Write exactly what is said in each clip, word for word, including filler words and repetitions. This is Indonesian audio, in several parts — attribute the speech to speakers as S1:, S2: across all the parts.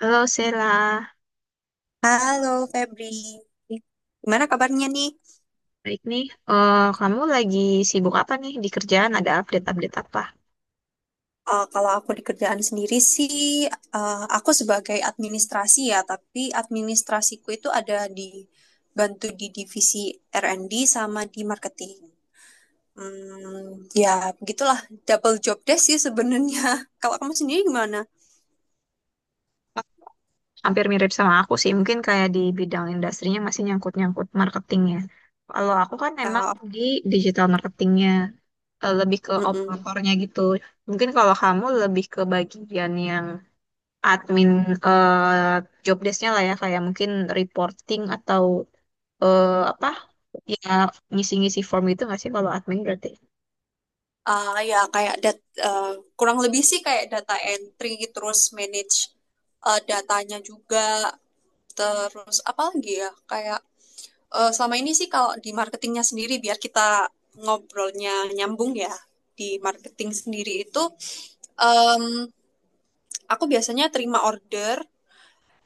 S1: Halo, Sela.
S2: Halo Febri, gimana kabarnya nih?
S1: Baik nih. Eh, kamu lagi sibuk apa nih di kerjaan? Ada update-update apa?
S2: Eh, kalau aku di kerjaan sendiri sih, eh, aku sebagai administrasi ya, tapi administrasiku itu ada di bantu di divisi R and D sama di marketing. Hmm, ya begitulah double job desk sih sebenarnya. Kalau kamu sendiri gimana?
S1: Hampir mirip sama aku sih. Mungkin kayak di bidang industrinya masih nyangkut-nyangkut marketingnya. Kalau aku kan emang di digital marketingnya, eh, lebih ke
S2: Oh.
S1: operatornya gitu. Mungkin kalau kamu lebih ke bagian yang admin, eh job desk-nya lah ya, kayak mungkin reporting atau, eh, apa ya, ngisi-ngisi form itu nggak sih kalau admin berarti?
S2: Ah, ya kayak dat eh, Kurang lebih sih kayak data entry terus manage eh, datanya juga, terus apa lagi ya, kayak eh, selama ini sih kalau di marketingnya sendiri biar kita ngobrolnya nyambung ya, di marketing sendiri itu em, aku biasanya terima order.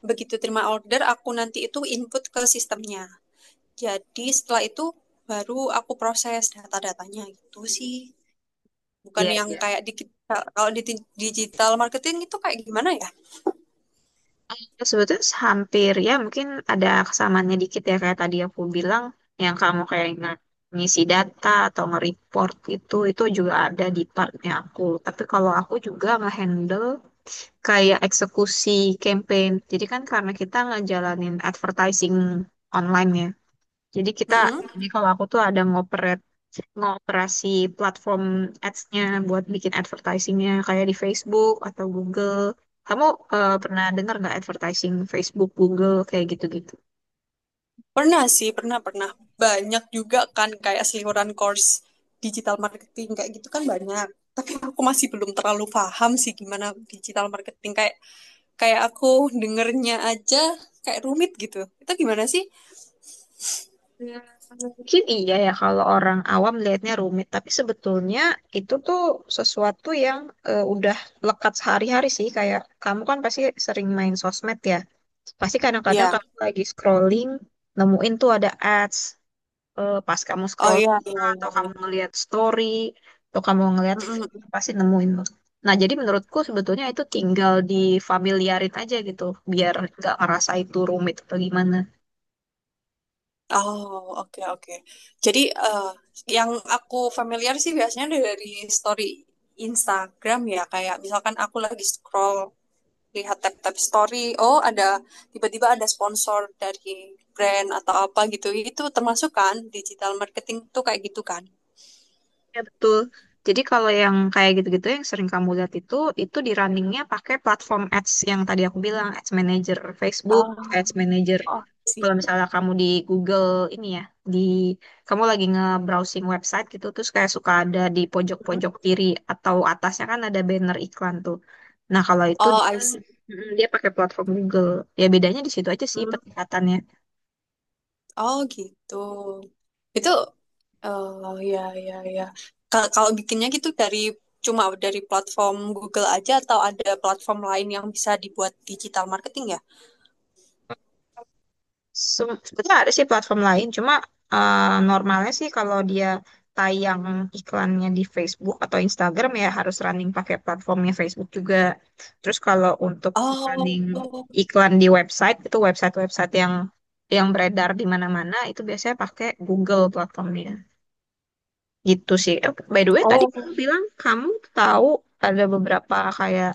S2: Begitu terima order aku nanti itu input ke sistemnya, jadi setelah itu baru aku proses data-datanya gitu sih, bukan yang
S1: Iya.
S2: kayak digital. Kalau di ti- digital marketing itu kayak gimana ya?
S1: Eh, Sebetulnya hampir ya, mungkin ada kesamaannya dikit ya, kayak tadi aku bilang, yang kamu kayak nge- ngisi data atau nge-report itu itu juga ada di partnya aku. Tapi kalau aku juga nge-handle kayak eksekusi campaign. Jadi kan karena kita ngejalanin advertising online ya. Jadi kita
S2: Mm-mm.
S1: jadi kalau aku tuh ada ngoper ngoperasi platform ads-nya buat bikin advertising-nya kayak di Facebook atau Google. Kamu eh, pernah dengar nggak advertising Facebook, Google kayak gitu-gitu?
S2: Pernah sih, pernah pernah. Banyak juga kan kayak seliweran course digital marketing kayak gitu kan banyak. Tapi aku masih belum terlalu paham sih gimana digital marketing kayak kayak aku dengernya aja kayak rumit gitu. Itu gimana sih?
S1: Ya, Mungkin iya ya kalau orang awam lihatnya rumit, tapi sebetulnya itu tuh sesuatu yang, eh, udah lekat sehari-hari sih. Kayak kamu kan pasti sering main sosmed ya. Pasti kadang-kadang
S2: Ya.
S1: kamu lagi scrolling, nemuin tuh ada ads. eh, pas kamu
S2: Oh
S1: scroll,
S2: iya iya
S1: atau
S2: iya iya.
S1: kamu ngelihat story, atau kamu ngelihat feed,
S2: Mm-mm.
S1: pasti nemuin loh. Nah, jadi menurutku sebetulnya itu tinggal difamiliarin aja gitu, biar nggak ngerasa itu rumit atau gimana.
S2: Oh, oke, oke. Jadi, eh, yang aku familiar sih biasanya dari story Instagram ya, kayak misalkan aku lagi scroll, lihat tab-tab story, oh ada, tiba-tiba ada sponsor dari brand atau apa gitu, itu termasuk kan, digital marketing tuh kayak gitu kan?
S1: Ya, betul. Jadi kalau yang kayak gitu-gitu yang sering kamu lihat itu, itu di runningnya pakai platform ads yang tadi aku bilang, Ads Manager Facebook,
S2: Ah,
S1: Ads Manager.
S2: oh, I
S1: Kalau
S2: see.
S1: misalnya kamu di Google ini ya, di kamu lagi nge-browsing website gitu, terus kayak suka ada di
S2: Hmm.
S1: pojok-pojok kiri atau atasnya kan ada banner iklan tuh. Nah, kalau itu
S2: Oh,
S1: dia
S2: I see.
S1: mm, dia pakai platform Google. Ya, bedanya di situ aja sih peningkatannya.
S2: Oh gitu. Itu oh ya ya ya. Ka- Kalau bikinnya gitu dari cuma dari platform Google aja atau ada platform lain yang bisa dibuat digital marketing ya?
S1: Sem- Sebetulnya ada sih platform lain, cuma eh, normalnya sih kalau dia tayang iklannya di Facebook atau Instagram ya harus running pakai platformnya Facebook juga. Terus kalau untuk
S2: Oh,
S1: running iklan di website, itu website-website yang yang beredar di mana-mana itu biasanya pakai Google platformnya. Gitu sih. Eh, By the way, tadi kamu
S2: oh
S1: bilang kamu tahu ada beberapa kayak,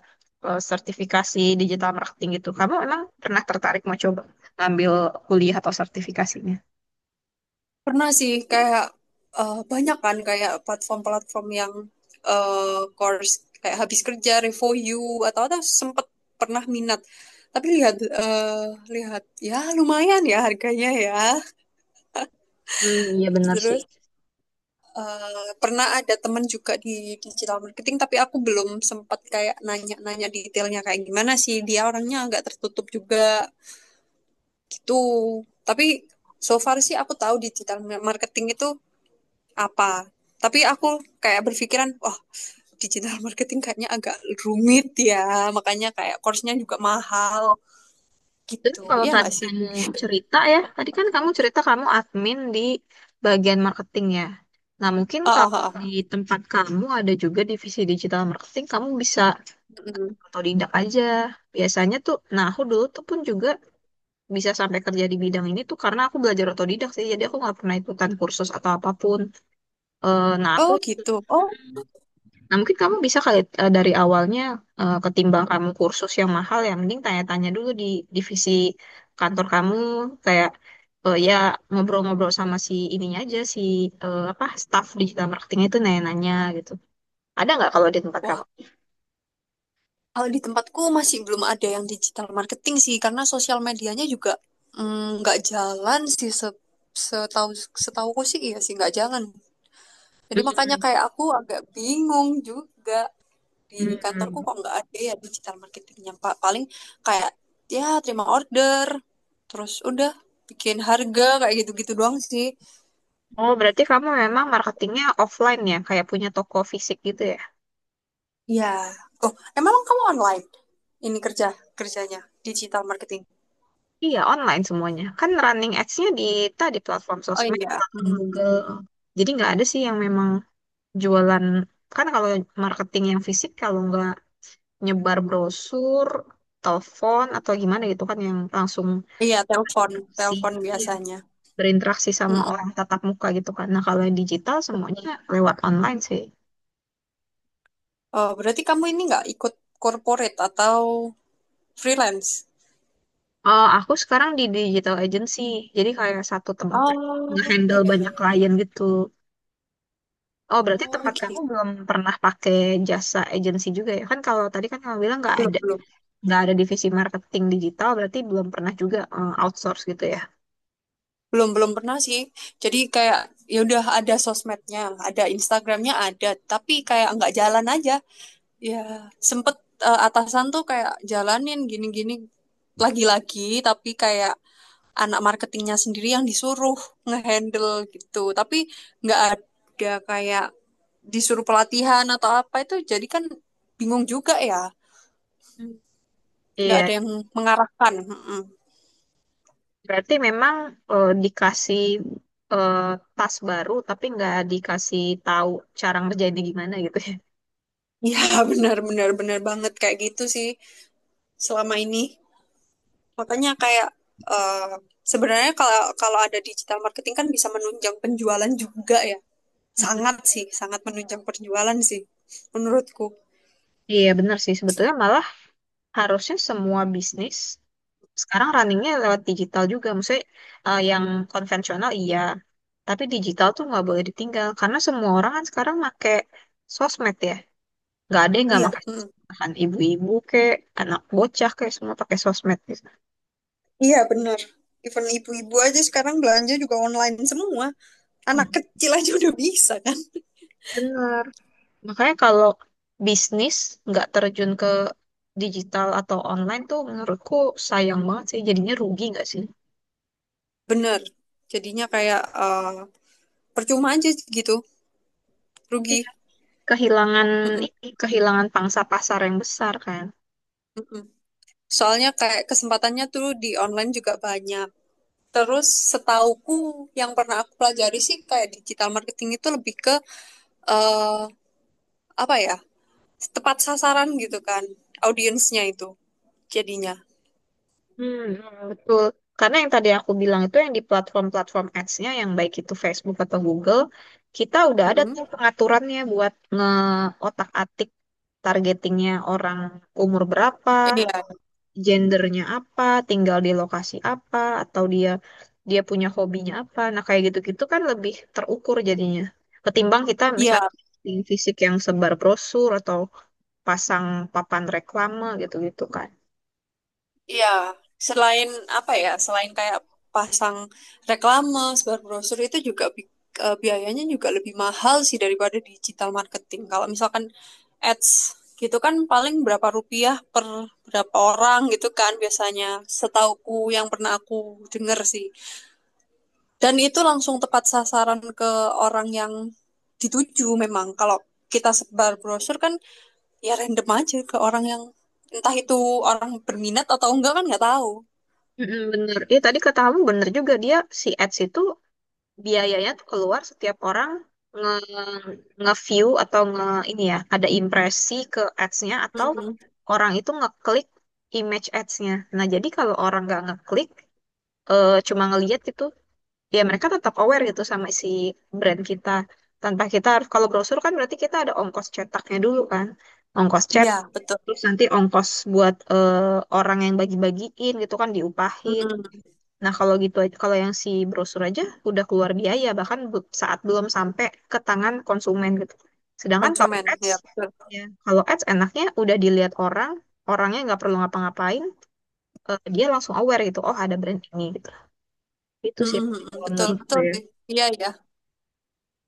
S1: eh, sertifikasi digital marketing gitu. Kamu emang pernah tertarik mau coba ngambil kuliah atau sertifikasinya?
S2: pernah sih, kayak eh, banyak kan kayak platform-platform yang eh, course kayak habis kerja review you atau atau sempet pernah minat. Tapi lihat eh, lihat ya lumayan ya harganya ya.
S1: Hmm, iya benar sih.
S2: Terus eh, pernah ada teman juga di digital marketing, tapi aku belum sempat kayak nanya-nanya detailnya kayak gimana sih. Dia orangnya agak tertutup juga gitu. Tapi so far sih aku tahu digital marketing itu apa. Tapi aku kayak berpikiran, wah digital marketing kayaknya agak rumit ya, makanya kayak course-nya juga mahal
S1: Terus
S2: gitu.
S1: kalau
S2: Ya
S1: tadi
S2: nggak sih?
S1: kamu cerita ya, tadi kan kamu cerita kamu admin di bagian marketing ya. Nah, mungkin
S2: Ah, ah,
S1: kalau
S2: ah, ah.
S1: di tempat kamu ada juga divisi digital marketing, kamu bisa,
S2: Mm-mm.
S1: atau otodidak aja. Biasanya tuh, nah, aku dulu tuh pun juga bisa sampai kerja di bidang ini tuh karena aku belajar otodidak sih. Jadi aku nggak pernah ikutan kursus atau apapun. Eh, nah aku,
S2: Oh gitu. Oh,
S1: nah mungkin kamu bisa kali, eh, dari awalnya, eh, ketimbang kamu kursus yang mahal, ya mending tanya-tanya dulu di divisi kantor kamu kayak, eh, ya ngobrol-ngobrol sama si ininya aja, si eh, apa, staff digital marketing itu, nanya-nanya gitu. Ada nggak kalau di tempat kamu?
S2: wah. Kalau di tempatku masih belum ada yang digital marketing sih, karena sosial medianya juga mm, nggak jalan sih, se- setahu setahuku sih iya sih nggak jalan. Jadi makanya
S1: Hmm.
S2: kayak aku agak bingung juga di kantorku,
S1: Hmm.
S2: kok nggak ada ya digital marketingnya Pak. Paling kayak ya terima order, terus udah bikin harga kayak gitu-gitu doang sih.
S1: Oh, berarti kamu memang marketingnya offline ya, kayak punya toko fisik gitu ya?
S2: Ya, oh emang kamu online ini kerja kerjanya digital marketing?
S1: Iya, online semuanya. Kan running ads-nya di tadi platform
S2: Oh
S1: sosmed,
S2: iya. Hmm.
S1: platform
S2: hmm,
S1: Google.
S2: hmm.
S1: Jadi nggak ada sih yang memang jualan. Kan kalau marketing yang fisik, kalau nggak nyebar brosur, telepon, atau gimana gitu kan yang langsung,
S2: Iya, telepon,
S1: si,
S2: telepon
S1: iya,
S2: biasanya.
S1: berinteraksi sama
S2: Mm-mm,
S1: orang tatap muka gitu kan. Nah, kalau yang digital semuanya
S2: betul.
S1: lewat online sih.
S2: Oh, berarti kamu ini nggak ikut corporate atau freelance?
S1: Eh, aku sekarang di digital agency, jadi kayak satu tempat
S2: Oh,
S1: nge-handle
S2: iya iya
S1: banyak
S2: iya.
S1: klien gitu. Oh, berarti
S2: Oh,
S1: tempat kamu
S2: gitu.
S1: belum pernah pakai jasa agensi juga ya? Kan kalau tadi kan kamu bilang nggak
S2: Belum
S1: ada
S2: belum
S1: nggak ada divisi marketing digital, berarti belum pernah juga, eh, outsource gitu ya?
S2: belum belum pernah sih. Jadi kayak ya udah ada sosmednya, ada Instagramnya ada, tapi kayak nggak jalan aja. Ya sempet eh, atasan tuh kayak jalanin gini-gini lagi-lagi, tapi kayak anak marketingnya sendiri yang disuruh ngehandle gitu. Tapi nggak ada kayak disuruh pelatihan atau apa, itu jadi kan bingung juga ya,
S1: Hmm.
S2: nggak
S1: Iya,
S2: ada yang mengarahkan. Mm-mm.
S1: berarti memang, eh, dikasih, eh, tas baru, tapi nggak dikasih tahu cara ngerjainnya gimana gitu ya?
S2: Ya benar benar benar banget kayak gitu sih selama ini, makanya kayak eh, sebenarnya kalau kalau ada digital marketing kan bisa menunjang penjualan juga ya,
S1: Mhm.
S2: sangat sih sangat menunjang penjualan sih menurutku.
S1: Iya, benar sih. Sebetulnya malah harusnya semua bisnis sekarang runningnya lewat digital juga, maksudnya, eh, yang konvensional iya, tapi digital tuh nggak boleh ditinggal karena semua orang kan sekarang make sosmed ya, nggak ada yang nggak
S2: Iya
S1: pakai
S2: mm.
S1: sosmed, bahkan ibu-ibu kek, anak bocah kek, semua pakai sosmed gitu.
S2: Iya benar, even ibu-ibu aja sekarang belanja juga online semua, anak
S1: Hmm.
S2: kecil aja udah bisa kan.
S1: Bener. Makanya kalau bisnis nggak terjun ke digital atau online tuh menurutku sayang banget sih. Jadinya rugi nggak sih?
S2: Benar, jadinya kayak eh, Percuma aja gitu,
S1: Iya.
S2: rugi.
S1: Kehilangan
S2: Mm-mm,
S1: ini, kehilangan pangsa pasar yang besar kan.
S2: mm. Soalnya kayak kesempatannya tuh di online juga banyak. Terus setauku yang pernah aku pelajari sih kayak digital marketing itu lebih ke eh apa ya? Tepat sasaran gitu kan audiensnya itu jadinya.
S1: Hmm, hmm, betul. Karena yang tadi aku bilang itu, yang di platform-platform ads-nya yang baik itu Facebook atau Google, kita udah ada
S2: Mm-mm.
S1: tuh pengaturannya buat ngeotak-atik targetingnya orang umur berapa,
S2: Iya,
S1: gendernya apa, tinggal di lokasi apa, atau dia dia punya hobinya apa. Nah, kayak gitu-gitu kan lebih terukur jadinya. Ketimbang kita
S2: iya.
S1: misalnya posting fisik yang sebar brosur atau pasang papan reklame gitu-gitu kan.
S2: Iya, selain apa ya, selain kayak pasang reklame, sebar brosur itu juga bi- eh, biayanya juga lebih mahal sih daripada digital marketing. Kalau misalkan ads gitu kan paling berapa rupiah per berapa orang gitu kan biasanya, setauku yang pernah aku denger sih. Dan itu langsung tepat sasaran ke orang yang dituju memang. Kalau kita sebar brosur kan ya random aja ke orang yang entah itu orang berminat atau enggak kan nggak tahu.
S1: Mm-mm, bener. Iya, tadi kata kamu bener juga, dia si ads itu biayanya tuh keluar setiap orang nge nge-view, atau nge ini ya, ada impresi ke ads-nya, atau
S2: Mhm.
S1: orang itu ngeklik image ads-nya. Nah, jadi kalau orang nggak ngeklik, eh, cuma ngeliat gitu, ya mereka tetap aware gitu sama si brand kita. Tanpa kita harus, kalau brosur kan berarti kita ada ongkos cetaknya dulu kan, ongkos cetak,
S2: Ya betul.
S1: terus nanti ongkos buat, eh, orang yang bagi-bagiin gitu kan diupahin.
S2: Mhm.
S1: Nah, kalau gitu aja- kalau yang si brosur aja udah keluar biaya bahkan bu- saat belum sampai ke tangan konsumen gitu. Sedangkan kalau
S2: Konsumen,
S1: ads,
S2: ya betul.
S1: ya kalau ads enaknya udah dilihat orang, orangnya nggak perlu ngapa-ngapain, eh, dia langsung aware gitu, oh ada brand ini gitu. Itu sih
S2: Mhm, mhm.
S1: kalau
S2: Betul,
S1: menurut
S2: betul
S1: saya.
S2: sih. Iya, ya.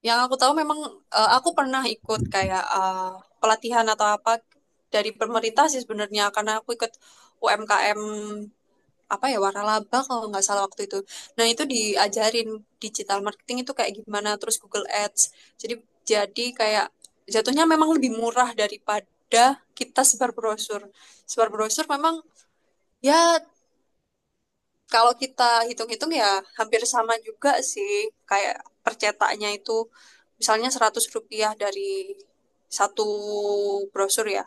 S2: Yang aku tahu memang eh, aku pernah ikut kayak eh, pelatihan atau apa dari pemerintah sih sebenarnya, karena aku ikut U M K M, apa ya, waralaba kalau nggak salah waktu itu. Nah, itu diajarin digital marketing itu kayak gimana, terus Google Ads. Jadi jadi kayak jatuhnya memang lebih murah daripada kita sebar brosur. Sebar brosur memang ya, kalau kita hitung-hitung ya hampir sama juga sih, kayak percetaknya itu misalnya seratus rupiah dari satu brosur ya.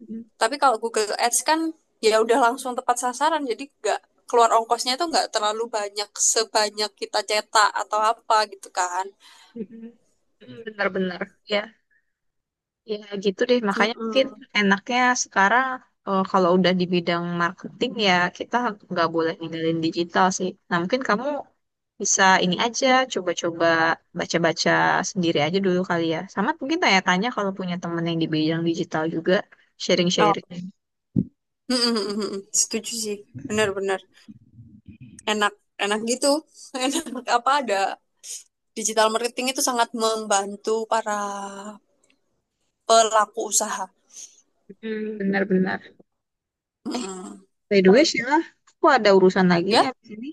S1: Mm,
S2: Tapi kalau Google Ads kan ya udah langsung tepat sasaran, jadi nggak keluar ongkosnya itu nggak terlalu banyak sebanyak kita cetak atau apa gitu kan.
S1: mm, mm, benar-benar. Ya, ya gitu deh. Makanya mungkin
S2: Mm-mm.
S1: enaknya sekarang, eh, kalau udah di bidang marketing ya kita nggak boleh ninggalin digital sih. Nah, mungkin kamu Bisa ini aja, coba-coba baca-baca sendiri aja dulu kali ya. Sama mungkin tanya-tanya kalau punya temen yang di bidang digital juga,
S2: Oh,
S1: sharing-sharing.
S2: mm mm. Setuju sih, benar-benar enak, enak gitu. Enak apa ada digital marketing itu sangat membantu para pelaku usaha.
S1: Hmm, benar-benar.
S2: Mm-mm.
S1: By the way, Sheila, aku ada urusan lagi nih
S2: Ya?
S1: abis ini.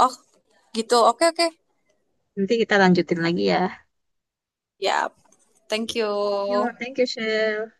S2: Oh, gitu. Oke, oke.
S1: Nanti kita lanjutin lagi ya.
S2: Ya, thank
S1: Yo,
S2: you.
S1: thank you, Sheila.